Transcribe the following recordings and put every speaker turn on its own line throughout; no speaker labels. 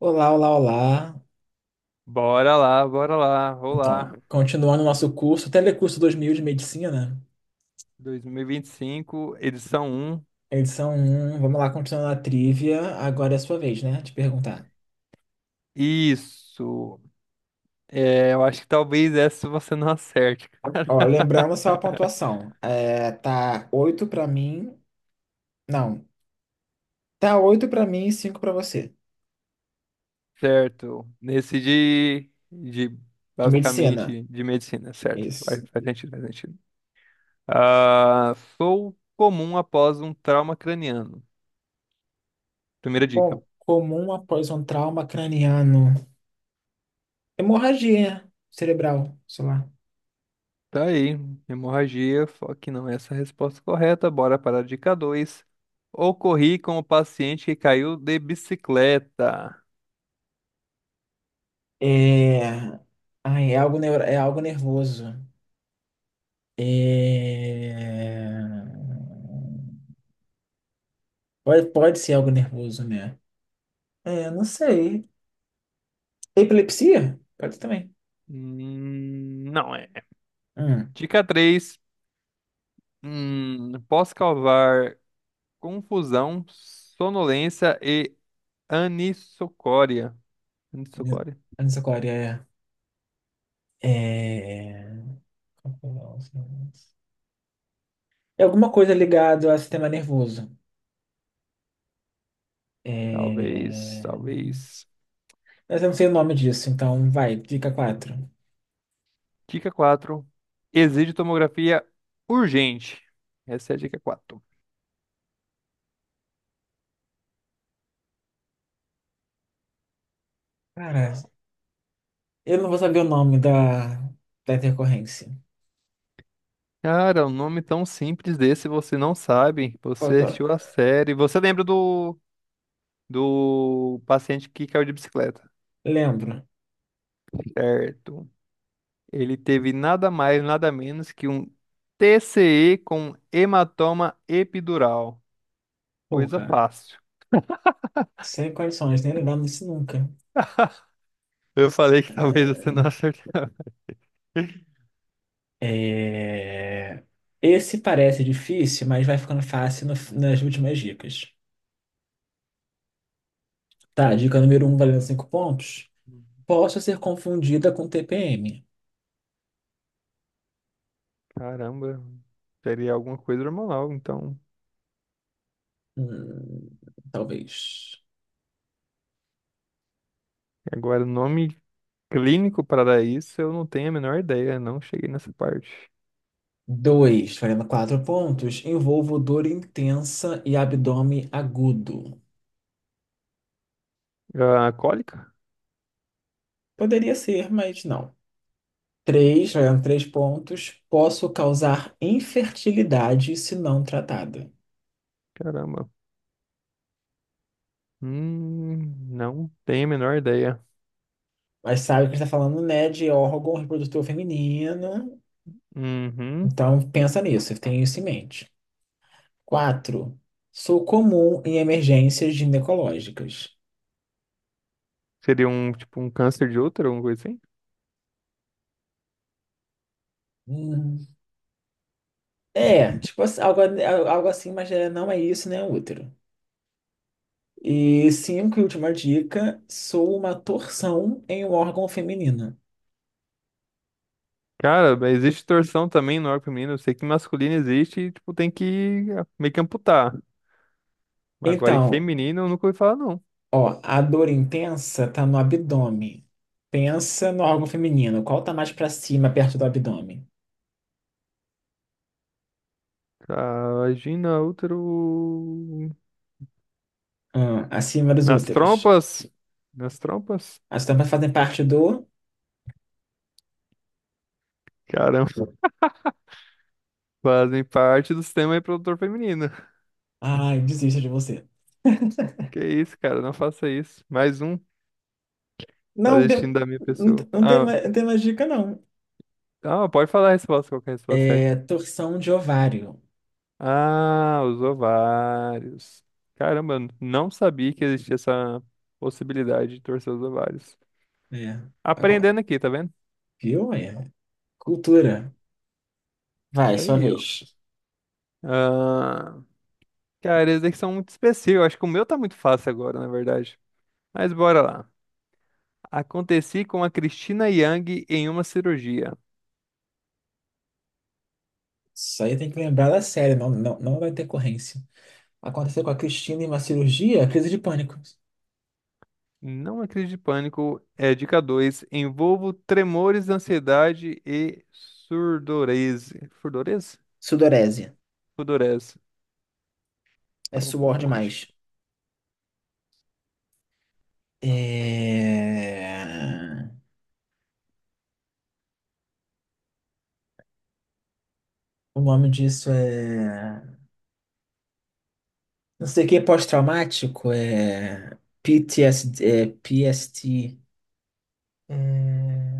Olá, olá, olá.
Bora lá, bora lá. Olá.
Então, continuando o nosso curso, Telecurso 2000 de Medicina,
2025, edição um.
edição um. Vamos lá, continuando a trivia. Agora é a sua vez, né? De perguntar.
Isso. É, eu acho que talvez essa você não acerte,
Ó, lembrando só a pontuação. É, tá 8 pra mim. Não, tá 8 pra mim e cinco pra você.
certo? Nesse de
De medicina.
basicamente de medicina, certo?
Isso.
Faz sentido, faz sentido. Ah, sou comum após um trauma craniano. Primeira dica.
Comum após um trauma craniano. Hemorragia cerebral, sei lá.
Tá aí, hemorragia, só que não é essa a resposta correta. Bora para a dica 2. Ocorri com o paciente que caiu de bicicleta.
É, ai, é algo, é algo nervoso. É... Pode ser algo nervoso, né? É, não sei. Epilepsia? Pode também.
Não é.
Hum.
Dica 3. Posso causar confusão, sonolência e anisocoria. Anisocoria?
Anisocoria é. Qual que é o nome? É alguma coisa ligada ao sistema nervoso.
Talvez,
É...
talvez.
Mas eu não sei o nome disso, então vai, dica quatro.
Dica 4. Exige tomografia urgente. Essa é a dica quatro.
Cara, eu não vou saber o nome da intercorrência.
Cara, um nome tão simples desse você não sabe.
Qual
Você
que eu.
assistiu a série. Você lembra do, do paciente que caiu de bicicleta,
Lembro.
certo? Ele teve nada mais, nada menos que um TCE com hematoma epidural. Coisa
Porra,
fácil.
sem condições, nem lembrar disso nunca.
Eu falei que talvez você não acertasse.
É, esse parece difícil, mas vai ficando fácil nas últimas dicas. Tá, dica número um valendo 5 pontos. Posso ser confundida com TPM.
Caramba, seria alguma coisa hormonal, então.
Hum, talvez.
Agora, nome clínico para isso, eu não tenho a menor ideia, não cheguei nessa parte.
Dois valendo 4 pontos. Envolvo dor intensa e abdômen agudo.
Ah, cólica?
Poderia ser, mas não. Três valendo 3 pontos. Posso causar infertilidade se não tratada.
Caramba. Hum, não tenho a menor ideia.
Mas sabe que está falando, né, de órgão reprodutor feminino.
Uhum.
Então, pensa nisso, tenha isso em mente. 4. Sou comum em emergências ginecológicas.
Seria um, tipo, um câncer de útero, alguma coisa assim?
Hum, É, tipo assim, algo assim, mas não é isso, né, útero. E cinco, e última dica, sou uma torção em um órgão feminino.
Cara, mas existe torção também no arco feminino. Eu sei que masculino existe e, tipo, tem que ah, meio que amputar. Agora, em
Então,
feminino, eu nunca ouvi falar, não.
ó, a dor intensa tá no abdômen. Pensa no órgão feminino. Qual tá mais pra cima, perto do abdômen?
Ah, vagina, útero...
Ah, acima dos
Nas
úteros.
trompas? Nas trompas?
As tampas fazem parte do.
Caramba, fazem parte do sistema reprodutor feminino.
Ai, desisto de você.
Que isso, cara, não faça isso. Mais um, tá
Não,
destino da minha
não,
pessoa.
não tem,
Ah,
não tem mais dica, não.
ah, pode falar a resposta, qual que é a resposta certa?
É torção de ovário.
Ah, os ovários. Caramba, eu não sabia que existia essa possibilidade de torcer os ovários.
É. Agora,
Aprendendo aqui, tá vendo?
viu? É. Cultura. Vai,
Isso
sua
aí, ó.
vez.
Ah, cara, esses aqui são muito específicos. Eu acho que o meu tá muito fácil agora, na verdade. Mas bora lá. Aconteci com a Cristina Yang em uma cirurgia.
Isso aí tem que lembrar da série, não, não, não da intercorrência. Aconteceu com a Cristina em uma cirurgia, crise de pânico.
Não acredite de pânico. É dica 2. Envolvo tremores, ansiedade e surdorese. Surdorese?
Sudorese.
Surdorese.
É
Tava um
suor
pouco longe.
demais. É... O nome disso é. Não sei o que, pós-traumático. É. PTSD. É PST. É...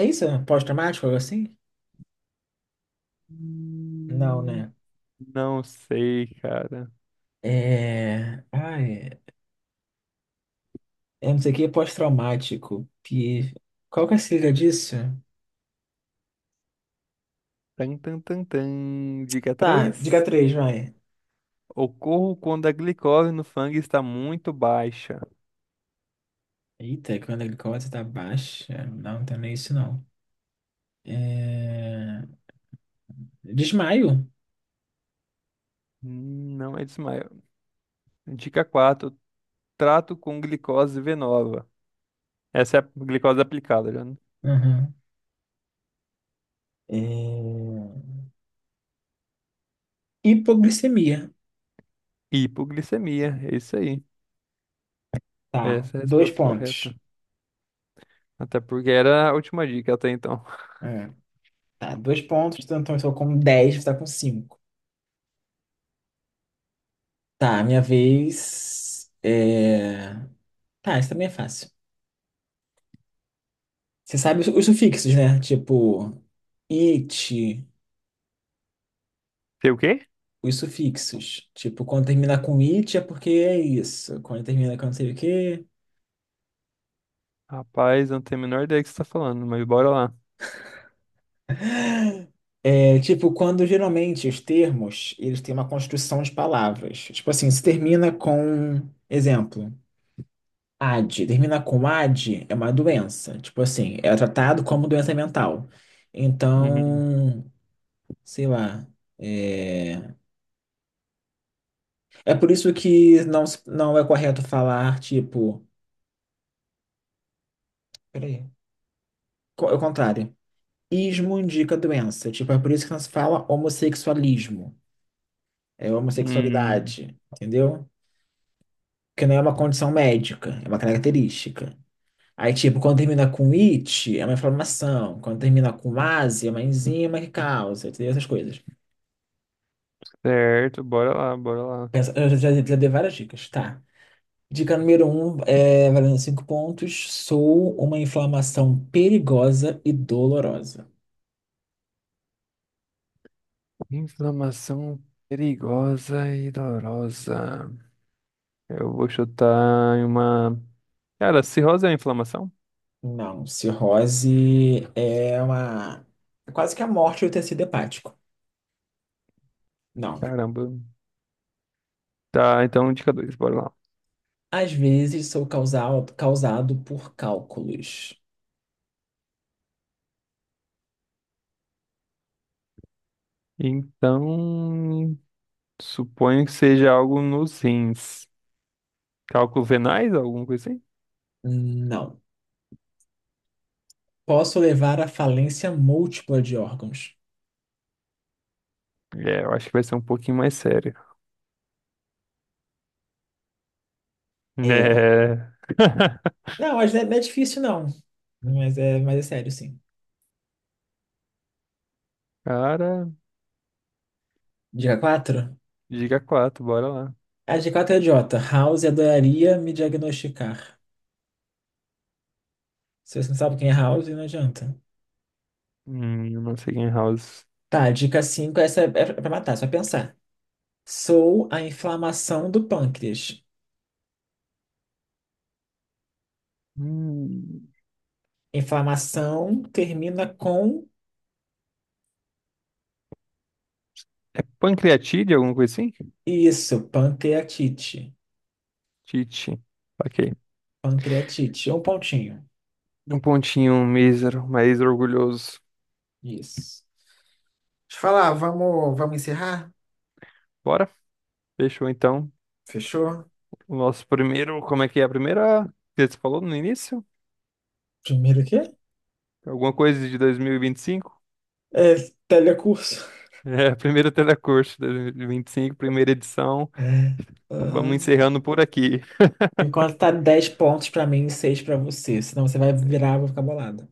É isso? É pós-traumático, algo assim? Não,
Hum,
né?
Não sei, cara.
É. Ai, é não sei o que, é pós-traumático. Qual que é a sigla disso?
Tan, tan, tan, tan. Dica
Tá, diga
três:
três, vai.
ocorro quando a glicose no sangue está muito baixa.
Eita, quando a glicose tá baixa. Não, então não tem nem isso não. É... Desmaio.
Não é desmaio. Dica quatro: trato com glicose venosa. Essa é a glicose aplicada, já. Né?
Uhum. É... Hipoglicemia.
Hipoglicemia. É isso aí.
Tá,
Essa é a
dois
resposta
pontos.
correta. Até porque era a última dica até então.
É, tá, dois pontos, então eu estou com 10, você tá com 5. Tá, minha vez. É... Tá, isso também é fácil. Você sabe os sufixos, né? Tipo, it,
Sei o quê?
os sufixos. Tipo, quando termina com it é porque é isso. Quando termina com não sei o quê.
Rapaz, eu não tenho a menor ideia do que você está falando, mas bora lá.
É, tipo, quando geralmente os termos, eles têm uma construção de palavras. Tipo assim, se termina com, exemplo, AD. Termina com AD é uma doença. Tipo assim, é tratado como doença mental.
Uhum.
Então, sei lá. É, é por isso que não, não é correto falar, tipo. Peraí. É o contrário. Ismo indica doença. Tipo, é por isso que não se fala homossexualismo. É
Hum,
homossexualidade, entendeu? Porque não é uma condição médica, é uma característica. Aí, tipo, quando termina com it, é uma inflamação. Quando termina com ase, é uma enzima que causa, entendeu? Essas coisas.
certo, bora lá, bora lá.
Eu já dei várias dicas, tá? Dica número um, valendo cinco pontos. Sou uma inflamação perigosa e dolorosa.
Inflamação perigosa e dolorosa. Eu vou chutar em uma. Cara, cirrose é inflamação?
Não, cirrose é uma. É quase que a morte do tecido hepático. Não.
Caramba. Tá, então dica dois, bora lá.
Às vezes sou causado por cálculos.
Então, suponho que seja algo nos rins. Cálculo venais, alguma coisa assim?
Não. Posso levar à falência múltipla de órgãos.
É, eu acho que vai ser um pouquinho mais sério.
É.
É.
Não, mas não é difícil, não. Mas é sério, sim.
Cara,
Dica quatro.
dica quatro, bora lá.
A dica 4 é idiota. House adoraria me diagnosticar. Se você não sabe quem é House, não adianta.
Eu não sei quem é House.
Tá, dica 5, essa é pra matar, é só pensar. Sou a inflamação do pâncreas.
Hum,
Inflamação termina com
é pancreatite, alguma coisa assim?
isso, pancreatite.
Tite. Ok.
Pancreatite, um pontinho.
Um pontinho mísero, mas orgulhoso.
Isso. Deixa eu falar, vamos encerrar?
Bora? Fechou então.
Fechou?
O nosso primeiro. Como é que é a primeira? Que você falou no início?
Primeiro o quê?
Alguma coisa de dois mil e vinte e cinco?
É telecurso.
É, primeiro telecurso de cinco, primeira edição.
É.
Vamos encerrando
Aham.
por aqui.
Enquanto tá 10 pontos pra mim e 6 pra você, senão você vai virar, eu vou ficar bolada.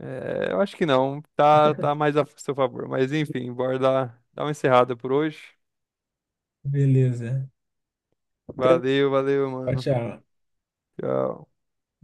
É, eu acho que não. Tá, tá mais a seu favor. Mas enfim, bora dar uma encerrada por hoje.
Beleza. Até-
Valeu, valeu,
Tchau,
mano.
tchau.
Tchau.